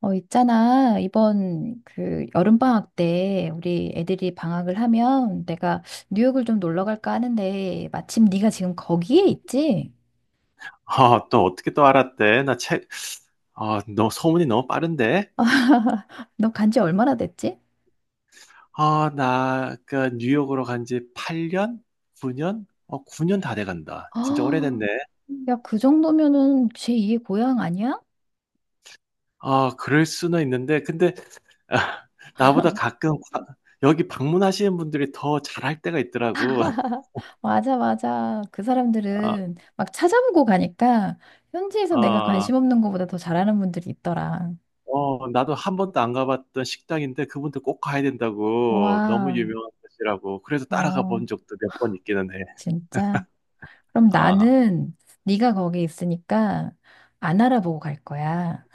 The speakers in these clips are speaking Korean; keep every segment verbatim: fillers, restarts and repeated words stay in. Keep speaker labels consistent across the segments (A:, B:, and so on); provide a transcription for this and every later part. A: 어, 있잖아. 이번 그 여름방학 때 우리 애들이 방학을 하면 내가 뉴욕을 좀 놀러 갈까 하는데, 마침 네가 지금 거기에 있지?
B: 아, 또 어떻게 또 알았대? 나 책, 아, 너 소문이 너무 빠른데?
A: 너 간지 얼마나 됐지?
B: 아, 나, 그, 뉴욕으로 간지 팔 년? 구 년? 어, 구 년 다 돼간다. 진짜
A: 아,
B: 오래됐네.
A: 야, 그 정도면은 제이의 고향 아니야?
B: 아, 그럴 수는 있는데, 근데, 아, 나보다 가끔, 가- 여기 방문하시는 분들이 더 잘할 때가 있더라고.
A: 맞아, 맞아. 그
B: 아,
A: 사람들은 막 찾아보고 가니까 현지에서 내가
B: 아,
A: 관심 없는 것보다 더 잘하는 분들이 있더라.
B: 어, 나도 한 번도 안 가봤던 식당인데, 그분들 꼭 가야 된다고. 너무
A: 와,
B: 유명한 곳이라고. 그래서 따라가
A: 어,
B: 본 적도 몇 번 있기는 해.
A: 진짜. 그럼
B: 아.
A: 나는 네가 거기 있으니까 안 알아보고 갈 거야.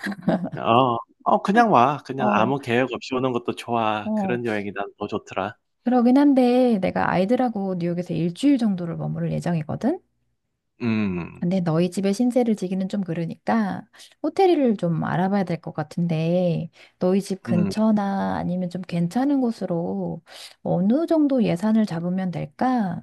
B: 어. 어, 그냥 와. 그냥
A: 어,
B: 아무 계획 없이 오는 것도 좋아.
A: 어.
B: 그런 여행이 난 더 좋더라.
A: 그러긴 한데 내가 아이들하고 뉴욕에서 일주일 정도를 머무를 예정이거든.
B: 음.
A: 근데 너희 집에 신세를 지기는 좀 그러니까 호텔을 좀 알아봐야 될 것 같은데, 너희 집
B: 음.
A: 근처나 아니면 좀 괜찮은 곳으로 어느 정도 예산을 잡으면 될까?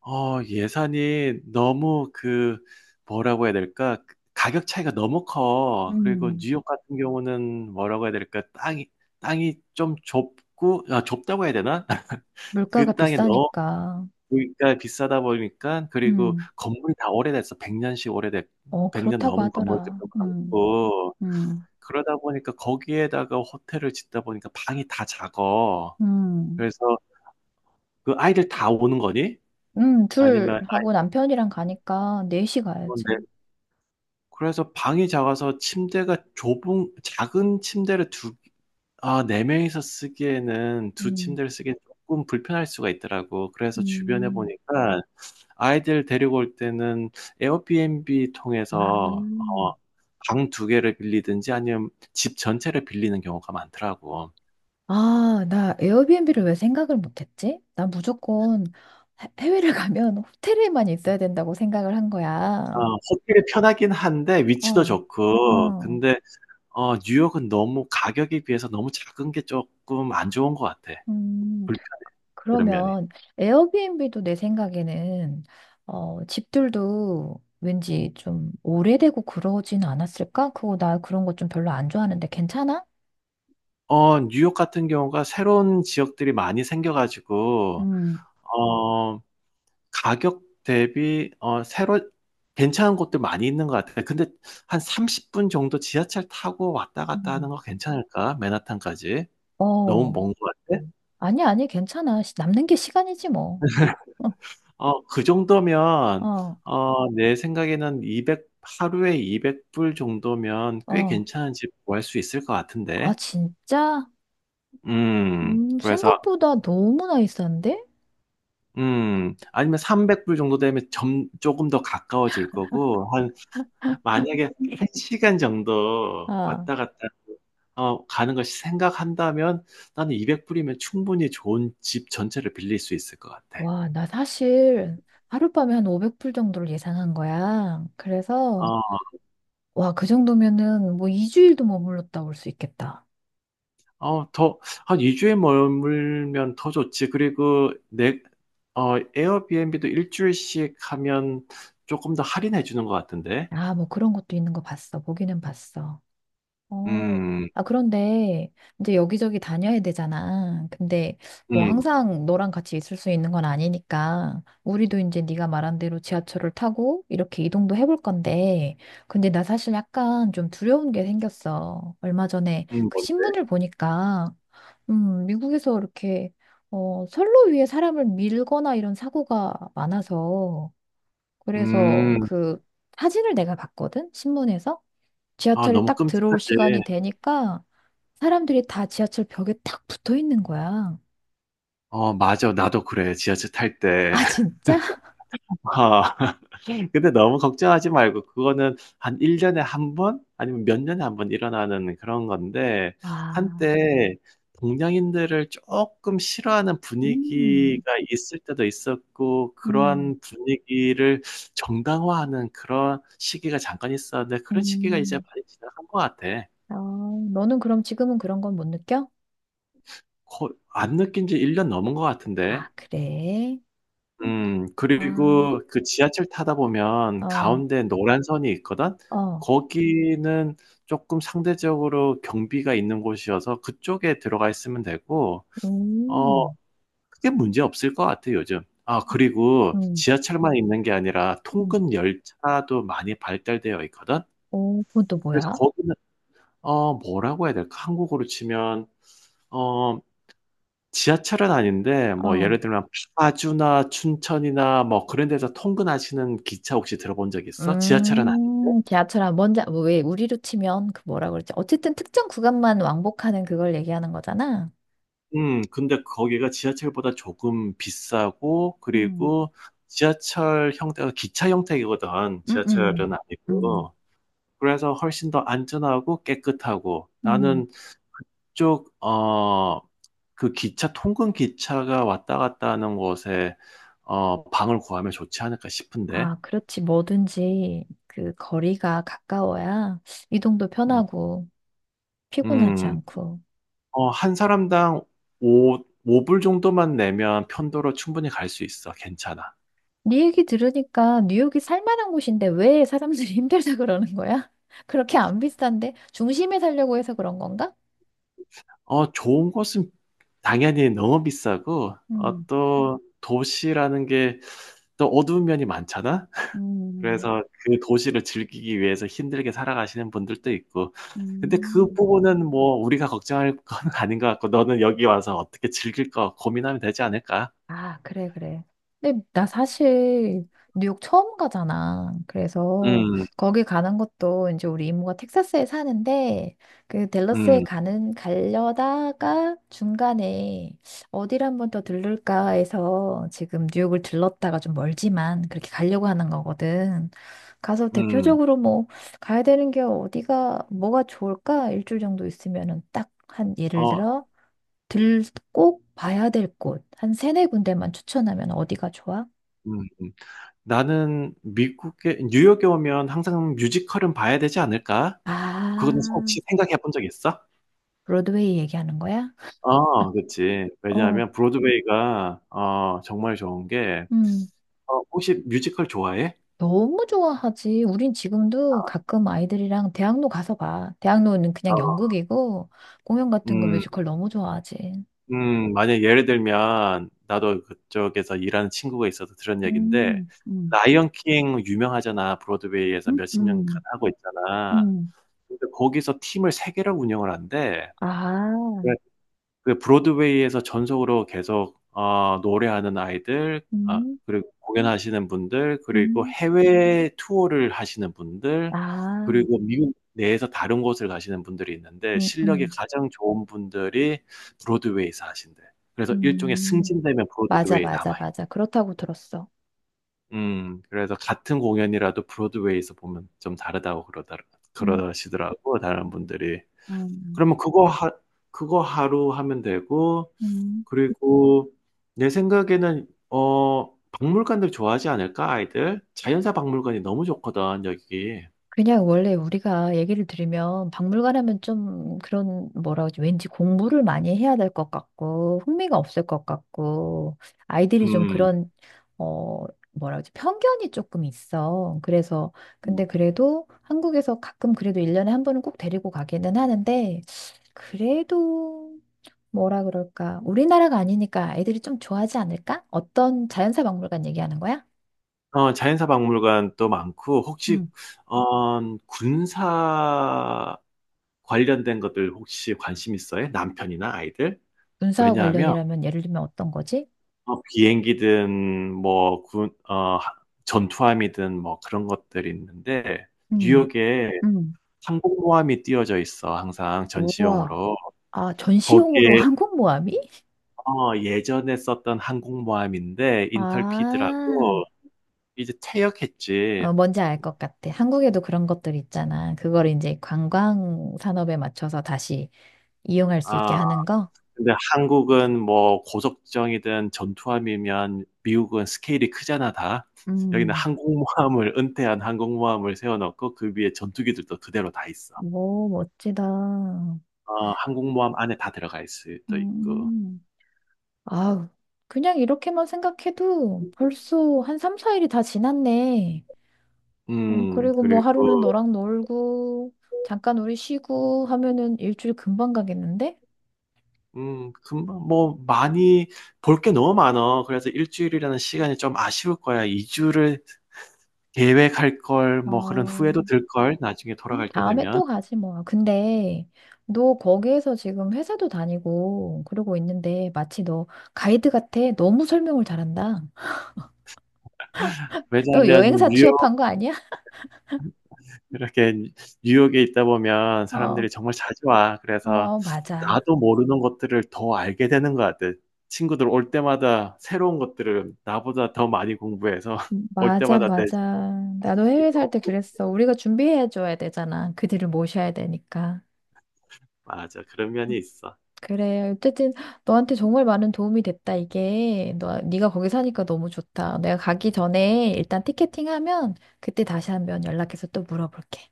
B: 어, 예산이 너무 그, 뭐라고 해야 될까? 그 가격 차이가 너무 커. 그리고
A: 음,
B: 뉴욕 같은 경우는 뭐라고 해야 될까? 땅이 땅이 좀 좁고, 아, 좁다고 해야 되나?
A: 물가가
B: 그 땅이 너무
A: 비싸니까.
B: 그러니까 비싸다 보니까. 그리고
A: 음,
B: 건물이 다 오래됐어. 백 년씩 오래됐
A: 어,
B: 백 년
A: 그렇다고
B: 넘은
A: 하더라.
B: 건물들도
A: 음,
B: 많고,
A: 음,
B: 그러다 보니까 거기에다가 호텔을 짓다 보니까 방이 다 작아.
A: 음.
B: 그래서 그 아이들 다 오는 거니?
A: 음, 둘
B: 아니면 아이
A: 하고 남편이랑 가니까 넷시 가야지.
B: 오는데, 그래서 방이 작아서 침대가 좁은 작은 침대를 두 아, 네 명이서 쓰기에는 두
A: 음.
B: 침대를 쓰기엔 조금 불편할 수가 있더라고. 그래서 주변에
A: 음,
B: 보니까 아이들 데리고 올 때는 에어비앤비
A: 아,
B: 통해서, 어, 방 두 개를 빌리든지 아니면 집 전체를 빌리는 경우가 많더라고.
A: 아, 나 에어비앤비를 왜 생각을 못했지? 나 무조건 해- 해외를 가면 호텔에만 있어야 된다고 생각을 한
B: 어,
A: 거야.
B: 호텔이 편하긴 한데
A: 어,
B: 위치도 좋고.
A: 어.
B: 근데, 어, 뉴욕은 너무 가격에 비해서 너무 작은 게 쪼끔 안 좋은 것 같아.
A: 음,
B: 불편해, 그런 면이.
A: 그러면 에어비앤비도 내 생각에는 어, 집들도 왠지 좀 오래되고 그러진 않았을까? 그거 나 그런 거 좀 별로 안 좋아하는데 괜찮아?
B: 어, 뉴욕 같은 경우가 새로운 지역들이 많이 생겨 가지고,
A: 음.
B: 어, 가격 대비 어 새로 괜찮은 곳들 많이 있는 것 같아. 근데 한 삼십 분 정도 지하철 타고 왔다 갔다 하는 거 괜찮을까? 맨하탄까지. 너무
A: 어,
B: 먼 것 같아?
A: 아니, 아니, 괜찮아. 시- 남는 게 시간이지, 뭐.
B: 어, 그
A: 어,
B: 정도면,
A: 어,
B: 어, 내 생각에는 이백 하루에 이백 불 정도면 꽤
A: 어.
B: 괜찮은 집 구할 수 있을 것
A: 아,
B: 같은데.
A: 진짜?
B: 음,
A: 음,
B: 그래서,
A: 생각보다 너무나 비싼데?
B: 음, 아니면 삼백 불 정도 되면 점, 조금 더 가까워질 거고, 한, 만약에 한 시간 정도
A: 아,
B: 왔다 갔다, 어, 가는 것이 생각한다면 나는 이백 불이면 충분히 좋은 집 전체를 빌릴 수 있을 것 같아.
A: 와, 나 사실 하룻밤에 한 오백 불 정도를 예상한 거야. 그래서,
B: 어,
A: 와, 그 정도면은 뭐 이 주일도 머물렀다 올 수 있겠다.
B: 어, 더, 한 이 주에 머물면 더 좋지. 그리고 내, 어, 에어비앤비도 일주일씩 하면 조금 더 할인해 주는 것 같은데.
A: 아, 뭐 그런 것도 있는 거 봤어. 보기는 봤어. 어.
B: 음,
A: 아, 그런데 이제 여기저기 다녀야 되잖아. 근데 뭐
B: 음,
A: 항상 너랑 같이 있을 수 있는 건 아니니까, 우리도 이제 네가 말한 대로 지하철을 타고 이렇게 이동도 해볼 건데, 근데 나 사실 약간 좀 두려운 게 생겼어. 얼마 전에
B: 음,
A: 그
B: 뭔데?
A: 신문을 보니까 음, 미국에서 이렇게 어, 선로 위에 사람을 밀거나 이런 사고가 많아서 그래서
B: 음,
A: 그 사진을 내가 봤거든, 신문에서.
B: 아,
A: 지하철이
B: 너무
A: 딱 들어올 시간이
B: 끔찍하지.
A: 되니까 사람들이 다 지하철 벽에 딱 붙어 있는 거야.
B: 어, 맞아. 나도 그래. 지하철 탈 때.
A: 아, 진짜?
B: 근데 너무 걱정하지 말고, 그거는 한 일 년에 한 번? 아니면 몇 년에 한 번 일어나는 그런 건데,
A: 아,
B: 한때 동양인들을 조금 싫어하는
A: 음,
B: 분위기가 있을 때도 있었고,
A: 음,
B: 그러한 분위기를 정당화하는 그런 시기가 잠깐 있었는데, 그런 시기가 이제
A: 음.
B: 많이 지나간 것 같아.
A: 어, 너는 그럼 지금은 그런 건 못 느껴?
B: 거- 안 느낀 지 일 년 넘은 것 같은데.
A: 아, 그래?
B: 음,
A: 아,
B: 그리고 그 지하철 타다 보면
A: 어,
B: 가운데 노란 선이 있거든.
A: 어,
B: 거기는 쪼끔 상대적으로 경비가 있는 곳이어서 그쪽에 들어가 있으면 되고, 어,
A: 음,
B: 크게 문제 없을 것 같아 요즘. 아, 그리고
A: 음,
B: 지하철만 있는 게 아니라
A: 음.
B: 통근 열차도 많이 발달되어 있거든.
A: 오, 그건 또
B: 그래서
A: 뭐야?
B: 거기는, 어, 뭐라고 해야 될까? 한국으로 치면, 어, 지하철은 아닌데 뭐
A: 어,
B: 예를 들면 파주나 춘천이나 뭐 그런 데서 통근하시는 기차 혹시 들어본 적 있어? 지하철은 아니
A: 음, 지하철 안 먼저, 뭐 왜, 우리로 치면 그 뭐라 그러지? 어쨌든 특정 구간만 왕복하는 그걸 얘기하는 거잖아.
B: 음, 근데 거기가 지하철보다 조금 비싸고,
A: 음
B: 그리고 지하철 형태가 기차 형태이거든.
A: 음, 음,
B: 지하철은
A: 음.
B: 아니고. 그래서 훨씬 더 안전하고 깨끗하고.
A: 음.
B: 나는 그쪽 어 그 기차 통근 기차가 왔다 갔다 하는 곳에, 어, 방을 구하면 좋지 않을까 싶은데.
A: 아, 그렇지. 뭐든지 그 거리가 가까워야 이동도
B: 음.
A: 편하고 피곤하지
B: 음.
A: 않고.
B: 어, 한 사람당 5, 오불 정도만 내면 편도로 충분히 갈 수 있어. 괜찮아.
A: 네 얘기 들으니까 뉴욕이 살만한 곳인데 왜 사람들이 힘들다 그러는 거야? 그렇게 안 비싼데 중심에 살려고 해서 그런 건가?
B: 어, 좋은 곳은 당연히 너무 비싸고, 어,
A: 음,
B: 또 도시라는 게 또 어두운 면이 많잖아?
A: 음,
B: 그래서 그 도시를 즐기기 위해서 힘들게 살아가시는 분들도 있고. 근데 그
A: 음.
B: 부분은 뭐 우리가 걱정할 건 아닌 것 같고, 너는 여기 와서 어떻게 즐길 거 고민하면 되지 않을까?
A: 아, 그래, 그래. 근데 나 사실 뉴욕 처음 가잖아. 그래서
B: 음,
A: 거기 가는 것도 이제 우리 이모가 텍사스에 사는데, 그 댈러스에
B: 음,
A: 가는 가려다가 중간에 어디를 한 번 더 들를까 해서 지금 뉴욕을 들렀다가 좀 멀지만 그렇게 가려고 하는 거거든. 가서
B: 음,
A: 대표적으로 뭐 가야 되는 게 어디가 뭐가 좋을까? 일주일 정도 있으면은 딱 한 예를
B: 어,
A: 들어 들, 꼭 봐야 될 곳, 한 세네 군데만 추천하면 어디가 좋아?
B: 음. 나는 미국에, 뉴욕에 오면 항상 뮤지컬은 봐야 되지 않을까?
A: 아,
B: 그거는 혹시 생각해 본 적 있어?
A: 브로드웨이 얘기하는 거야?
B: 어, 그치.
A: 어,
B: 왜냐하면 브로드웨이가, 어, 정말 좋은 게,
A: 음,
B: 어, 혹시 뮤지컬 좋아해?
A: 너무 좋아하지. 우린 지금도 가끔 아이들이랑 대학로 가서 봐. 대학로는
B: 어,
A: 그냥 연극이고, 공연 같은 거
B: 음,
A: 뮤지컬 너무 좋아하지.
B: 음, 만약 예를 들면, 나도 그쪽에서 일하는 친구가 있어서 들은 얘기인데,
A: 음, 음,
B: 라이언 킹 유명하잖아. 브로드웨이에서
A: 음,
B: 몇 십 년간
A: 음,
B: 하고 있잖아.
A: 음.
B: 근데 거기서 팀을 세 개를 운영을 한대.
A: 아,
B: 그 브로드웨이에서 전속으로 계속, 어, 노래하는 아이들. 아
A: 음,
B: 그리고 공연하시는 분들. 그리고
A: 음,
B: 해외 투어를 하시는 분들.
A: 아,
B: 그리고 미국 내에서 다른 곳을 가시는 분들이 있는데,
A: 음,
B: 실력이
A: 음,
B: 가장 좋은 분들이 브로드웨이에서 하신대. 그래서 일종의
A: 음.
B: 승진되면
A: 맞아,
B: 브로드웨이에
A: 맞아,
B: 남아있.
A: 맞아. 그렇다고 들었어.
B: 음, 그래서 같은 공연이라도 브로드웨이에서 보면 좀 다르다고 그러다,
A: 음,
B: 그러시더라고 다른 분들이.
A: 음,
B: 그러면 그거 하 그거 하루 하면 되고.
A: 음.
B: 그리고 내 생각에는, 어, 박물관들 좋아하지 않을까 아이들? 자연사 박물관이 너무 좋거든 여기.
A: 그냥 원래 우리가 얘기를 들으면 박물관 하면 좀 그런, 뭐라 그러지, 왠지 공부를 많이 해야 될 것 같고 흥미가 없을 것 같고 아이들이 좀
B: 음,
A: 그런 어, 뭐라 그러지, 편견이 조금 있어. 그래서
B: 음,
A: 근데 그래도 한국에서 가끔 그래도 일 년에 한 번은 꼭 데리고 가기는 하는데, 그래도 뭐라 그럴까 우리나라가 아니니까 아이들이 좀 좋아하지 않을까? 어떤 자연사 박물관 얘기하는 거야?
B: 어, 자연사 박물관도 많고, 혹시,
A: 음,
B: 어, 군사 관련된 것들 혹시 관심 있어요? 남편이나 아이들?
A: 문사와
B: 왜냐하면,
A: 관련이라면 예를 들면 어떤 거지?
B: 어, 비행기든 뭐 군, 어, 하- 전투함이든 뭐 그런 것들이 있는데, 뉴욕에
A: 음.
B: 항공모함이 띄워져 있어 항상
A: 우와.
B: 전시용으로.
A: 아, 전시용으로
B: 거기에,
A: 한국 모아미?
B: 어, 예전에 썼던 항공모함인데,
A: 아,
B: 인털피드라고. 이제 퇴역했지.
A: 어, 뭔지 알 것 같아. 한국에도 그런 것들 있잖아. 그걸 이제 관광 산업에 맞춰서 다시 이용할 수 있게
B: 아,
A: 하는 거?
B: 근데 한국은 뭐 고속정이든 전투함이면, 미국은 스케일이 크잖아 다. 여기는
A: 음,
B: 항공모함을 은퇴한 항공모함을 세워 놓고 그 위에 전투기들도 그대로 다 있어.
A: 오, 멋지다.
B: 어, 항공모함 안에 다 들어가 있을 수도 있고.
A: 음, 아우, 그냥 이렇게만 생각해도 벌써 한 삼, 사 일이 다 지났네. 어,
B: 음,
A: 그리고 뭐 하루는
B: 그리고,
A: 너랑 놀고, 잠깐 우리 쉬고 하면은 일주일 금방 가겠는데?
B: 음, 금방 뭐 많이 볼 게 너무 많어. 그래서 일주일이라는 시간이 좀 아쉬울 거야. 이 주를 계획할 걸,
A: 아,
B: 뭐 그런 후회도 들 걸 나중에
A: 음,
B: 돌아갈 때
A: 다음에
B: 되면.
A: 또 가지 뭐. 근데 너 거기에서 지금 회사도 다니고 그러고 있는데 마치 너 가이드 같아. 너무 설명을 잘한다. 너
B: 왜냐하면
A: 여행사
B: 뉴욕
A: 취업한 거 아니야?
B: 이렇게 뉴욕에 있다 보면
A: 어,
B: 사람들이 정말 자주 와. 그래서
A: 어, 맞아.
B: 나도 모르는 것들을 더 알게 되는 것 같아. 친구들 올 때마다 새로운 것들을 나보다 더 많이 공부해서 올
A: 맞아,
B: 때마다 내
A: 맞아.
B: 시
A: 나도
B: 기
A: 해외 살 때
B: 조금
A: 그랬어. 우리가 준비해 줘야 되잖아. 그들을 모셔야 되니까.
B: 맞아. 그런 면이 있어.
A: 그래. 어쨌든 너한테 정말 많은 도움이 됐다. 이게 너 네가 거기 사니까 너무 좋다. 내가 가기 전에 일단 티켓팅하면 그때 다시 한번 연락해서 또 물어볼게.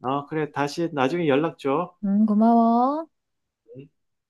B: 어, 그래. 다시 나중에 연락 줘.
A: 음, 고마워.
B: 음.